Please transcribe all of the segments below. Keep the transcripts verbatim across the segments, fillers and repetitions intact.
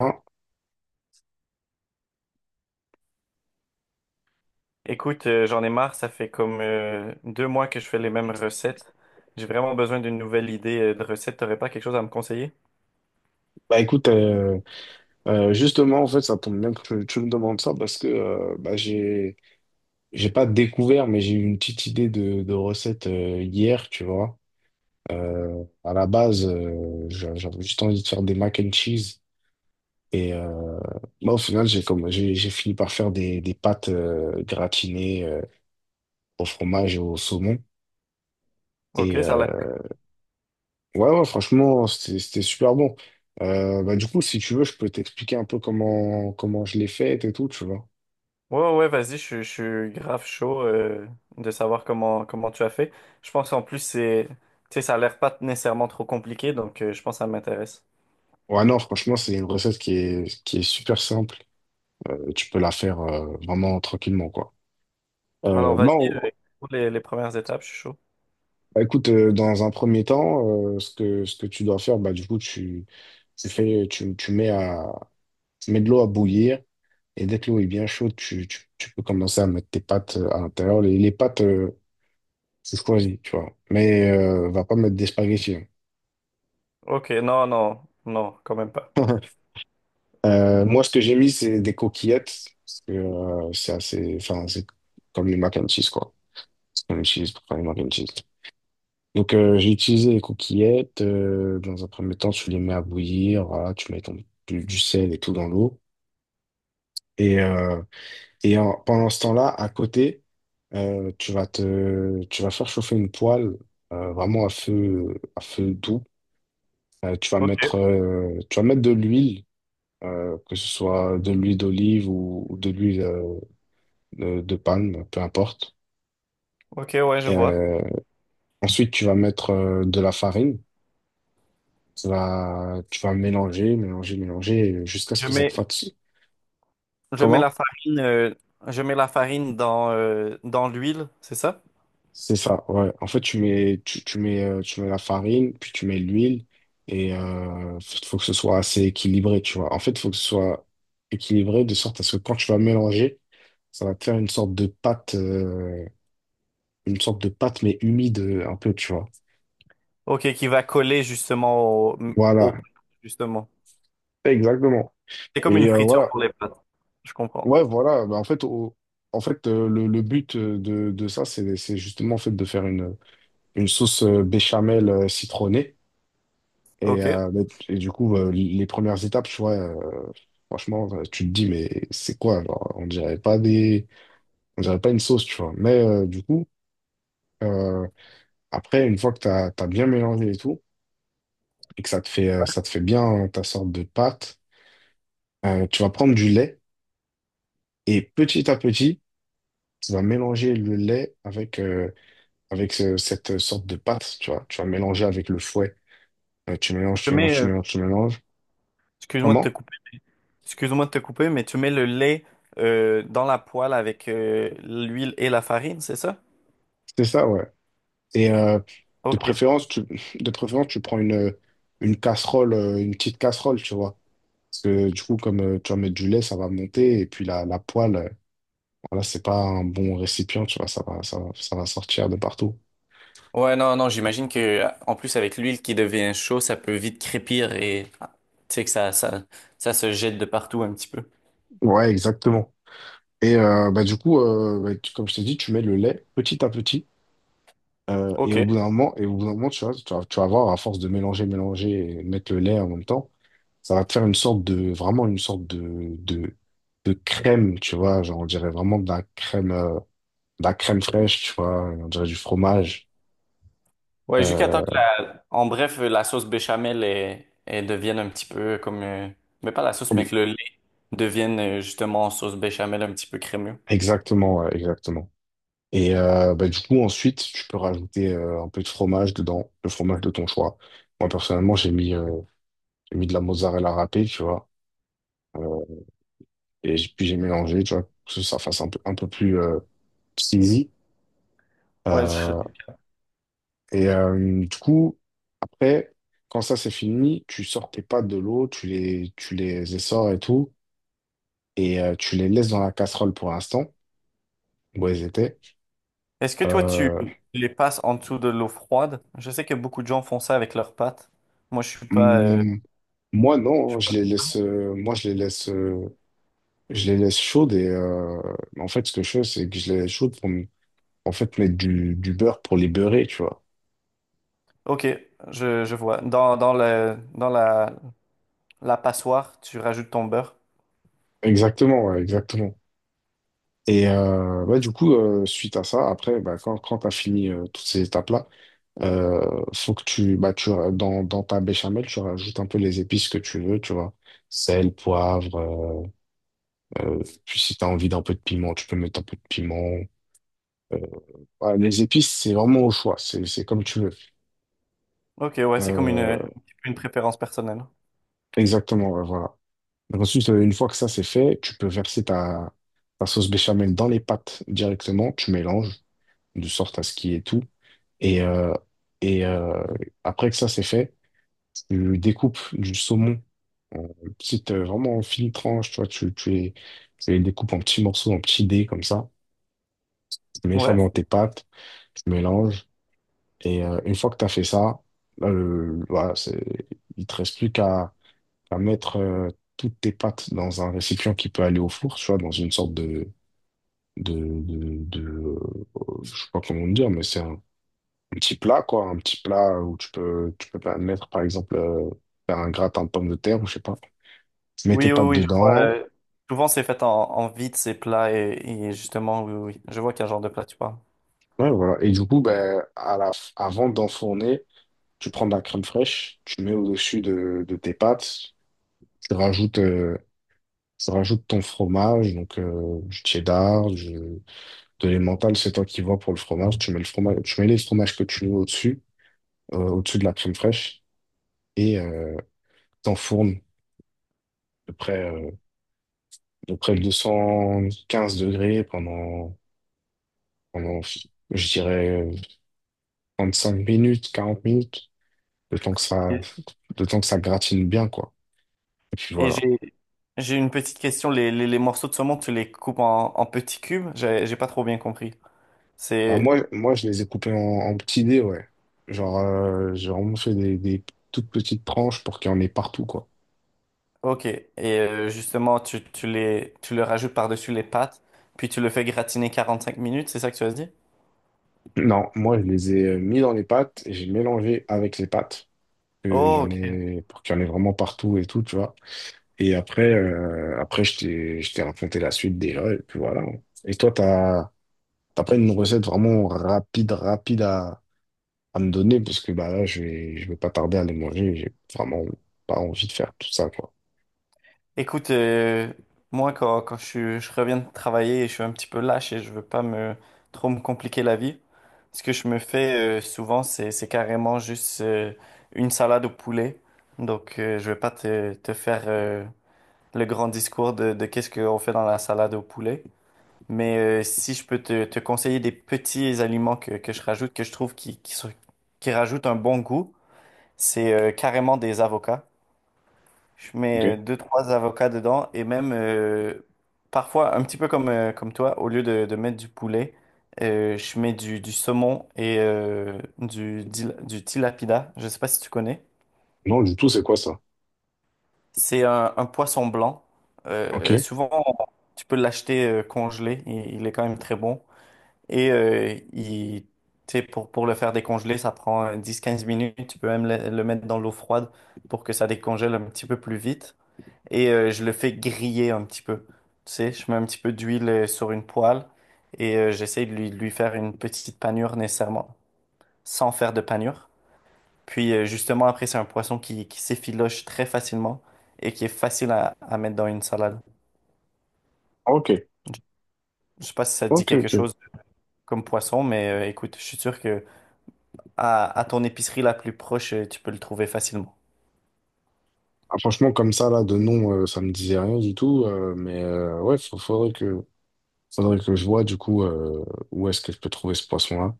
Hein. Écoute, euh, j'en ai marre, ça fait comme euh, deux mois que je fais les mêmes recettes. J'ai vraiment besoin d'une nouvelle idée euh, de recette. T'aurais pas quelque chose à me conseiller? Bah écoute, euh, euh, justement, en fait, ça tombe bien que tu, tu me demandes ça parce que euh, bah, j'ai, j'ai pas découvert, mais j'ai eu une petite idée de, de recette euh, hier, tu vois. Euh, à la base, euh, j'a- j'avais juste envie de faire des mac and cheese. Et euh, bah, au final, j'ai comme, j'ai, j'ai fini par faire des, des pâtes euh, gratinées euh, au fromage et au saumon. Ok, Et ça a l'air. euh, ouais, ouais, franchement, c'était c'était super bon. Euh, bah, du coup, si tu veux, je peux t'expliquer un peu comment, comment je l'ai faite et tout, tu vois. Ouais, ouais, vas-y, je, je suis grave chaud euh, de savoir comment, comment tu as fait. Je pense en plus, c'est, tu sais, ça a l'air pas nécessairement trop compliqué, donc euh, je pense que ça m'intéresse. Ouais, non, franchement, c'est une recette qui est, qui est super simple. Euh, tu peux la faire euh, vraiment tranquillement, quoi. Alors, Euh, bah, vas-y, euh, on- pour les, les premières étapes, je suis chaud. bah, écoute, euh, dans un premier temps, euh, ce que, ce que tu dois faire, bah, du coup, tu, tu fais, tu, tu mets à, tu mets de l'eau à bouillir. Et dès que l'eau est bien chaude, tu, tu, tu peux commencer à mettre tes pâtes euh, à l'intérieur. Les, les pâtes, euh, tu choisis, tu vois. Mais euh, va pas mettre des spaghettis. Ok, non, non, non, quand même pas. Hein. Euh, moi, ce que j'ai mis, c'est des coquillettes. Parce que euh, c'est assez, enfin, c'est comme les mac and cheese, quoi. Mac and pour faire les mac and cheese. Donc, euh, j'ai utilisé les coquillettes. euh, dans un premier temps, tu les mets à bouillir. Voilà, tu mets ton, du, du sel et tout dans l'eau. Et, euh, et en- pendant ce temps-là, à côté, euh, tu vas te, tu vas faire chauffer une poêle euh, vraiment à feu, à feu doux. Euh, tu vas Ok, mettre, euh, tu vas mettre de l'huile, euh, que ce soit de l'huile d'olive ou, ou de l'huile euh, de, de palme, peu importe. ok, ouais, je Et, vois. euh, ensuite, tu vas mettre euh, de la farine. Tu vas, tu vas mélanger, mélanger, mélanger euh, jusqu'à ce Je que ça te mets fatigue. Je mets la Comment? farine, euh, je mets la farine dans, euh, dans l'huile, c'est ça? C'est ça, ouais. En fait, tu mets, tu, tu mets, euh, tu mets la farine, puis tu mets l'huile, et euh, faut faut que ce soit assez équilibré, tu vois. En fait, il faut que ce soit équilibré de sorte à ce que quand tu vas mélanger, ça va te faire une sorte de pâte, euh, une sorte de pâte, mais humide, euh, un peu, tu vois. Ok, qui va coller justement au, au Voilà, pâte, justement. exactement. C'est comme une Et euh, friture voilà, pour les pâtes. Je comprends. ouais, voilà. Bah, en fait, au- en fait, euh, le, le but, euh, de, de ça, c'est c'est justement, en fait, de faire une. une sauce, euh, béchamel, euh, citronnée. Et, Ok. euh, mais- et du coup, euh, les premières étapes, tu vois, euh, franchement, euh, tu te dis, mais c'est quoi? Genre, on dirait pas des, on dirait pas une sauce, tu vois. Mais euh, du coup, euh, après, une fois que tu as bien mélangé et tout, et que ça te fait, euh, ça te fait bien hein, ta sorte de pâte. Euh, tu vas prendre du lait et, petit à petit, tu vas mélanger le lait avec, euh, avec ce- cette sorte de pâte, tu vois. Tu vas mélanger avec le fouet. Euh, tu mélanges, Je tu mets, mélanges, tu euh, mélanges, tu mélanges. excuse-moi de te Comment? couper, mais- excuse-moi de te couper, mais tu mets le lait euh, dans la poêle avec euh, l'huile et la farine, c'est ça? C'est ça, ouais. Et, euh, de Ok. préférence, tu, de préférence, tu prends une, une casserole, euh, une petite casserole, tu vois. Parce que du coup, comme euh, tu vas mettre du lait, ça va monter. Et puis la, la poêle, euh, voilà, c'est pas un bon récipient, tu vois. Ça va, ça, va- ça va sortir de partout. Ouais, non, non, j'imagine que en plus avec l'huile qui devient chaud, ça peut vite crépir et ah, tu sais que ça, ça, ça se jette de partout un petit peu. Ouais, exactement. Et euh, bah, du coup, euh, bah, tu- comme je t'ai dit, tu mets le lait petit à petit. Euh, et Ok. au bout d'un moment, et au bout d'un moment, tu vois, tu vas, tu vas voir, à force de mélanger, mélanger et mettre le lait en même temps, ça va te faire une sorte de, vraiment une sorte de, de, de crème, tu vois, genre, on dirait vraiment de la crème, euh, de la crème fraîche, tu vois, on dirait du fromage. Ouais, jusqu'à temps Euh, que la, en bref, la sauce béchamel est, elle devienne un petit peu comme, euh, mais pas la sauce, mais que le lait devienne euh, justement sauce béchamel un petit peu crémeux. exactement, ouais, exactement. Et euh, bah, du coup, ensuite, tu peux rajouter euh, un peu de fromage dedans, le fromage de ton choix. Moi, personnellement, j'ai mis, euh, j'ai mis de la mozzarella râpée, tu vois. euh, et j- Puis j'ai mélangé, tu vois, pour que ça fasse un peu, un peu plus. euh, C'est easy. Ouais, je- Euh, et euh, du coup, après, quand ça c'est fini, tu sors tes pâtes de l'eau, tu les, tu les essores et tout, et euh, tu les laisses dans la casserole pour l'instant, où elles étaient. Est-ce que toi tu Euh, les passes en dessous de l'eau froide? Je sais que beaucoup de gens font ça avec leurs pâtes. Moi, je suis pas. euh, hmm, moi, je non, hein, suis pas- je les laisse, euh, moi, je les laisse, euh, je les laisse chaudes, et euh, en fait, ce que je fais, c'est que je les laisse chaudes pour m- en fait mettre du, du beurre pour les beurrer, tu vois. Ok, je, je vois. Dans, dans le, dans la, la passoire, tu rajoutes ton beurre. Exactement, ouais, exactement. Et, euh, ouais, du coup, euh, suite à ça, après, bah, quand, quand tu as fini, euh, toutes ces étapes-là, Euh, faut que tu, bah, tu, dans, dans ta béchamel, tu rajoutes un peu les épices que tu veux, tu vois. Sel, poivre, euh, euh, puis si tu as envie d'un peu de piment, tu peux mettre un peu de piment. Euh, voilà, les épices, c'est vraiment au choix, c'est, c'est comme tu veux. Ok, ouais, c'est comme une, Euh, une préférence personnelle. exactement, ouais, voilà. Donc, ensuite, euh, une fois que ça c'est fait, tu peux verser ta, ta sauce béchamel dans les pâtes directement, tu mélanges de sorte à ce qu'il y ait tout. Et, euh, et euh, après que ça c'est fait, tu découpes du saumon en petites, euh, vraiment en fines tranches, tu vois. Tu, tu les, tu les découpes en petits morceaux, en petits dés comme ça. Tu mets ça Ouais. dans tes pâtes, tu mélanges. Et, euh, une fois que tu as fait ça, là, le- voilà, c'est, il te reste plus qu'à qu'à mettre, euh, toutes tes pâtes dans un récipient qui peut aller au four, tu vois, dans une sorte de, de, de, de, euh, je sais pas comment dire, mais c'est un, un petit plat, quoi, un petit plat où tu peux, tu peux mettre, par exemple, euh, faire un gratin de pommes de terre, ou je sais pas. Tu mets tes Oui, oui, pâtes oui, je vois. dedans. Euh, souvent, c'est fait en, en vide, ces plats. Et, et justement, oui, oui, je vois quel genre de plat tu parles. Ouais, voilà. Et du coup, ben, à la, f- avant d'enfourner, tu prends de la crème fraîche, tu mets au-dessus de, de tes pâtes, tu rajoutes, euh, tu rajoutes ton fromage, donc euh, du cheddar, du, de l'emmental, c'est toi qui vois pour le fromage. Tu mets le fromage, tu mets les fromages que tu veux au-dessus, euh, au-dessus de la crème fraîche, et euh, t'enfournes de près, euh, de près de 215 degrés pendant, pendant, je dirais, 35 minutes, 40 minutes. le temps que ça, Et, le temps que ça gratine bien, quoi. Et puis et voilà. j'ai, j'ai une petite question. Les, les, les morceaux de saumon, tu les coupes en, en petits cubes? J'ai, j'ai pas trop bien compris. Bah, C'est moi, moi, je les ai coupés en, en petits dés, ouais. Genre, euh, j'ai vraiment fait des, des toutes petites tranches pour qu'il y en ait partout, quoi. OK. Et euh, justement, tu, tu les, tu le rajoutes par-dessus les pâtes, puis tu le fais gratiner quarante-cinq minutes, c'est ça que tu as dit? Non, moi, je les ai euh, mis dans les pâtes et j'ai mélangé avec les pâtes. Euh, Il y Oh, en OK. ait, pour qu'il y en ait vraiment partout et tout, tu vois. Et après, euh, après je t'ai, je t'ai raconté la suite déjà, et puis voilà. Et toi, t'as, t'as pas une recette vraiment rapide, rapide à, à me donner, parce que bah là je vais je vais pas tarder à les manger, j'ai vraiment pas envie de faire tout ça, quoi. Écoute, euh, moi quand, quand je, suis- je reviens de travailler, je suis un petit peu lâche et je veux pas me trop me compliquer la vie. Ce que je me fais euh, souvent, c'est, c'est carrément juste euh, une salade au poulet. Donc euh, je vais pas te, te faire euh, le grand discours de, de qu'est-ce qu'on fait dans la salade au poulet. Mais euh, si je peux te, te conseiller des petits aliments que, que je rajoute, que je trouve qui, qui, sont- qui rajoutent un bon goût, c'est euh, carrément des avocats. Je Ok. mets euh, deux, trois avocats dedans et même euh, parfois, un petit peu comme, euh, comme toi, au lieu de, de mettre du poulet, euh, je mets du, du saumon et euh, du, dil- du tilapia. Je sais pas si tu connais. Non, du tout, c'est quoi ça? C'est un, un poisson blanc. Ok, Euh, souvent, tu peux l'acheter euh, congelé. Il, il est quand même très bon. Et euh, il, tu sais, pour, pour le faire décongeler, ça prend euh, dix quinze minutes. Tu peux même le le mettre dans l'eau froide pour que ça décongèle un petit peu plus vite. Et euh, je le fais griller un petit peu. Tu sais, je mets un petit peu d'huile euh, sur une poêle et euh, j'essaie de lui, de lui faire une petite panure nécessairement, sans faire de panure. Puis euh, justement, après, c'est un poisson qui, qui s'effiloche très facilement et qui est facile à, à mettre dans une salade. ok. Je sais pas si ça te dit Ok, quelque ok. chose comme poisson, mais euh, écoute, je suis sûr que à, à ton épicerie la plus proche, euh, tu peux le trouver facilement. Ah, franchement comme ça là de nom, euh, ça me disait rien du tout, euh, mais euh, ouais, faut- faudrait que faudrait que je vois, du coup, euh, où est-ce que je peux trouver ce poisson là.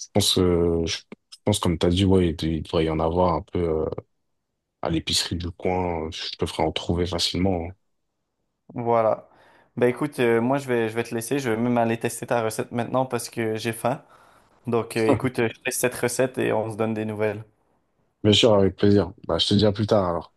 Je pense euh, je, je pense, comme t'as dit, ouais, il, il devrait y en avoir un peu, euh, à l'épicerie du coin. Euh, je te ferai en trouver facilement. Voilà. Ben écoute, euh, moi je vais, je vais te laisser, je vais même aller tester ta recette maintenant parce que j'ai faim. Donc, euh, Hein. écoute, euh, je teste cette recette et on se donne des nouvelles. Bien sûr, avec plaisir. Bah, je te dis à plus tard alors.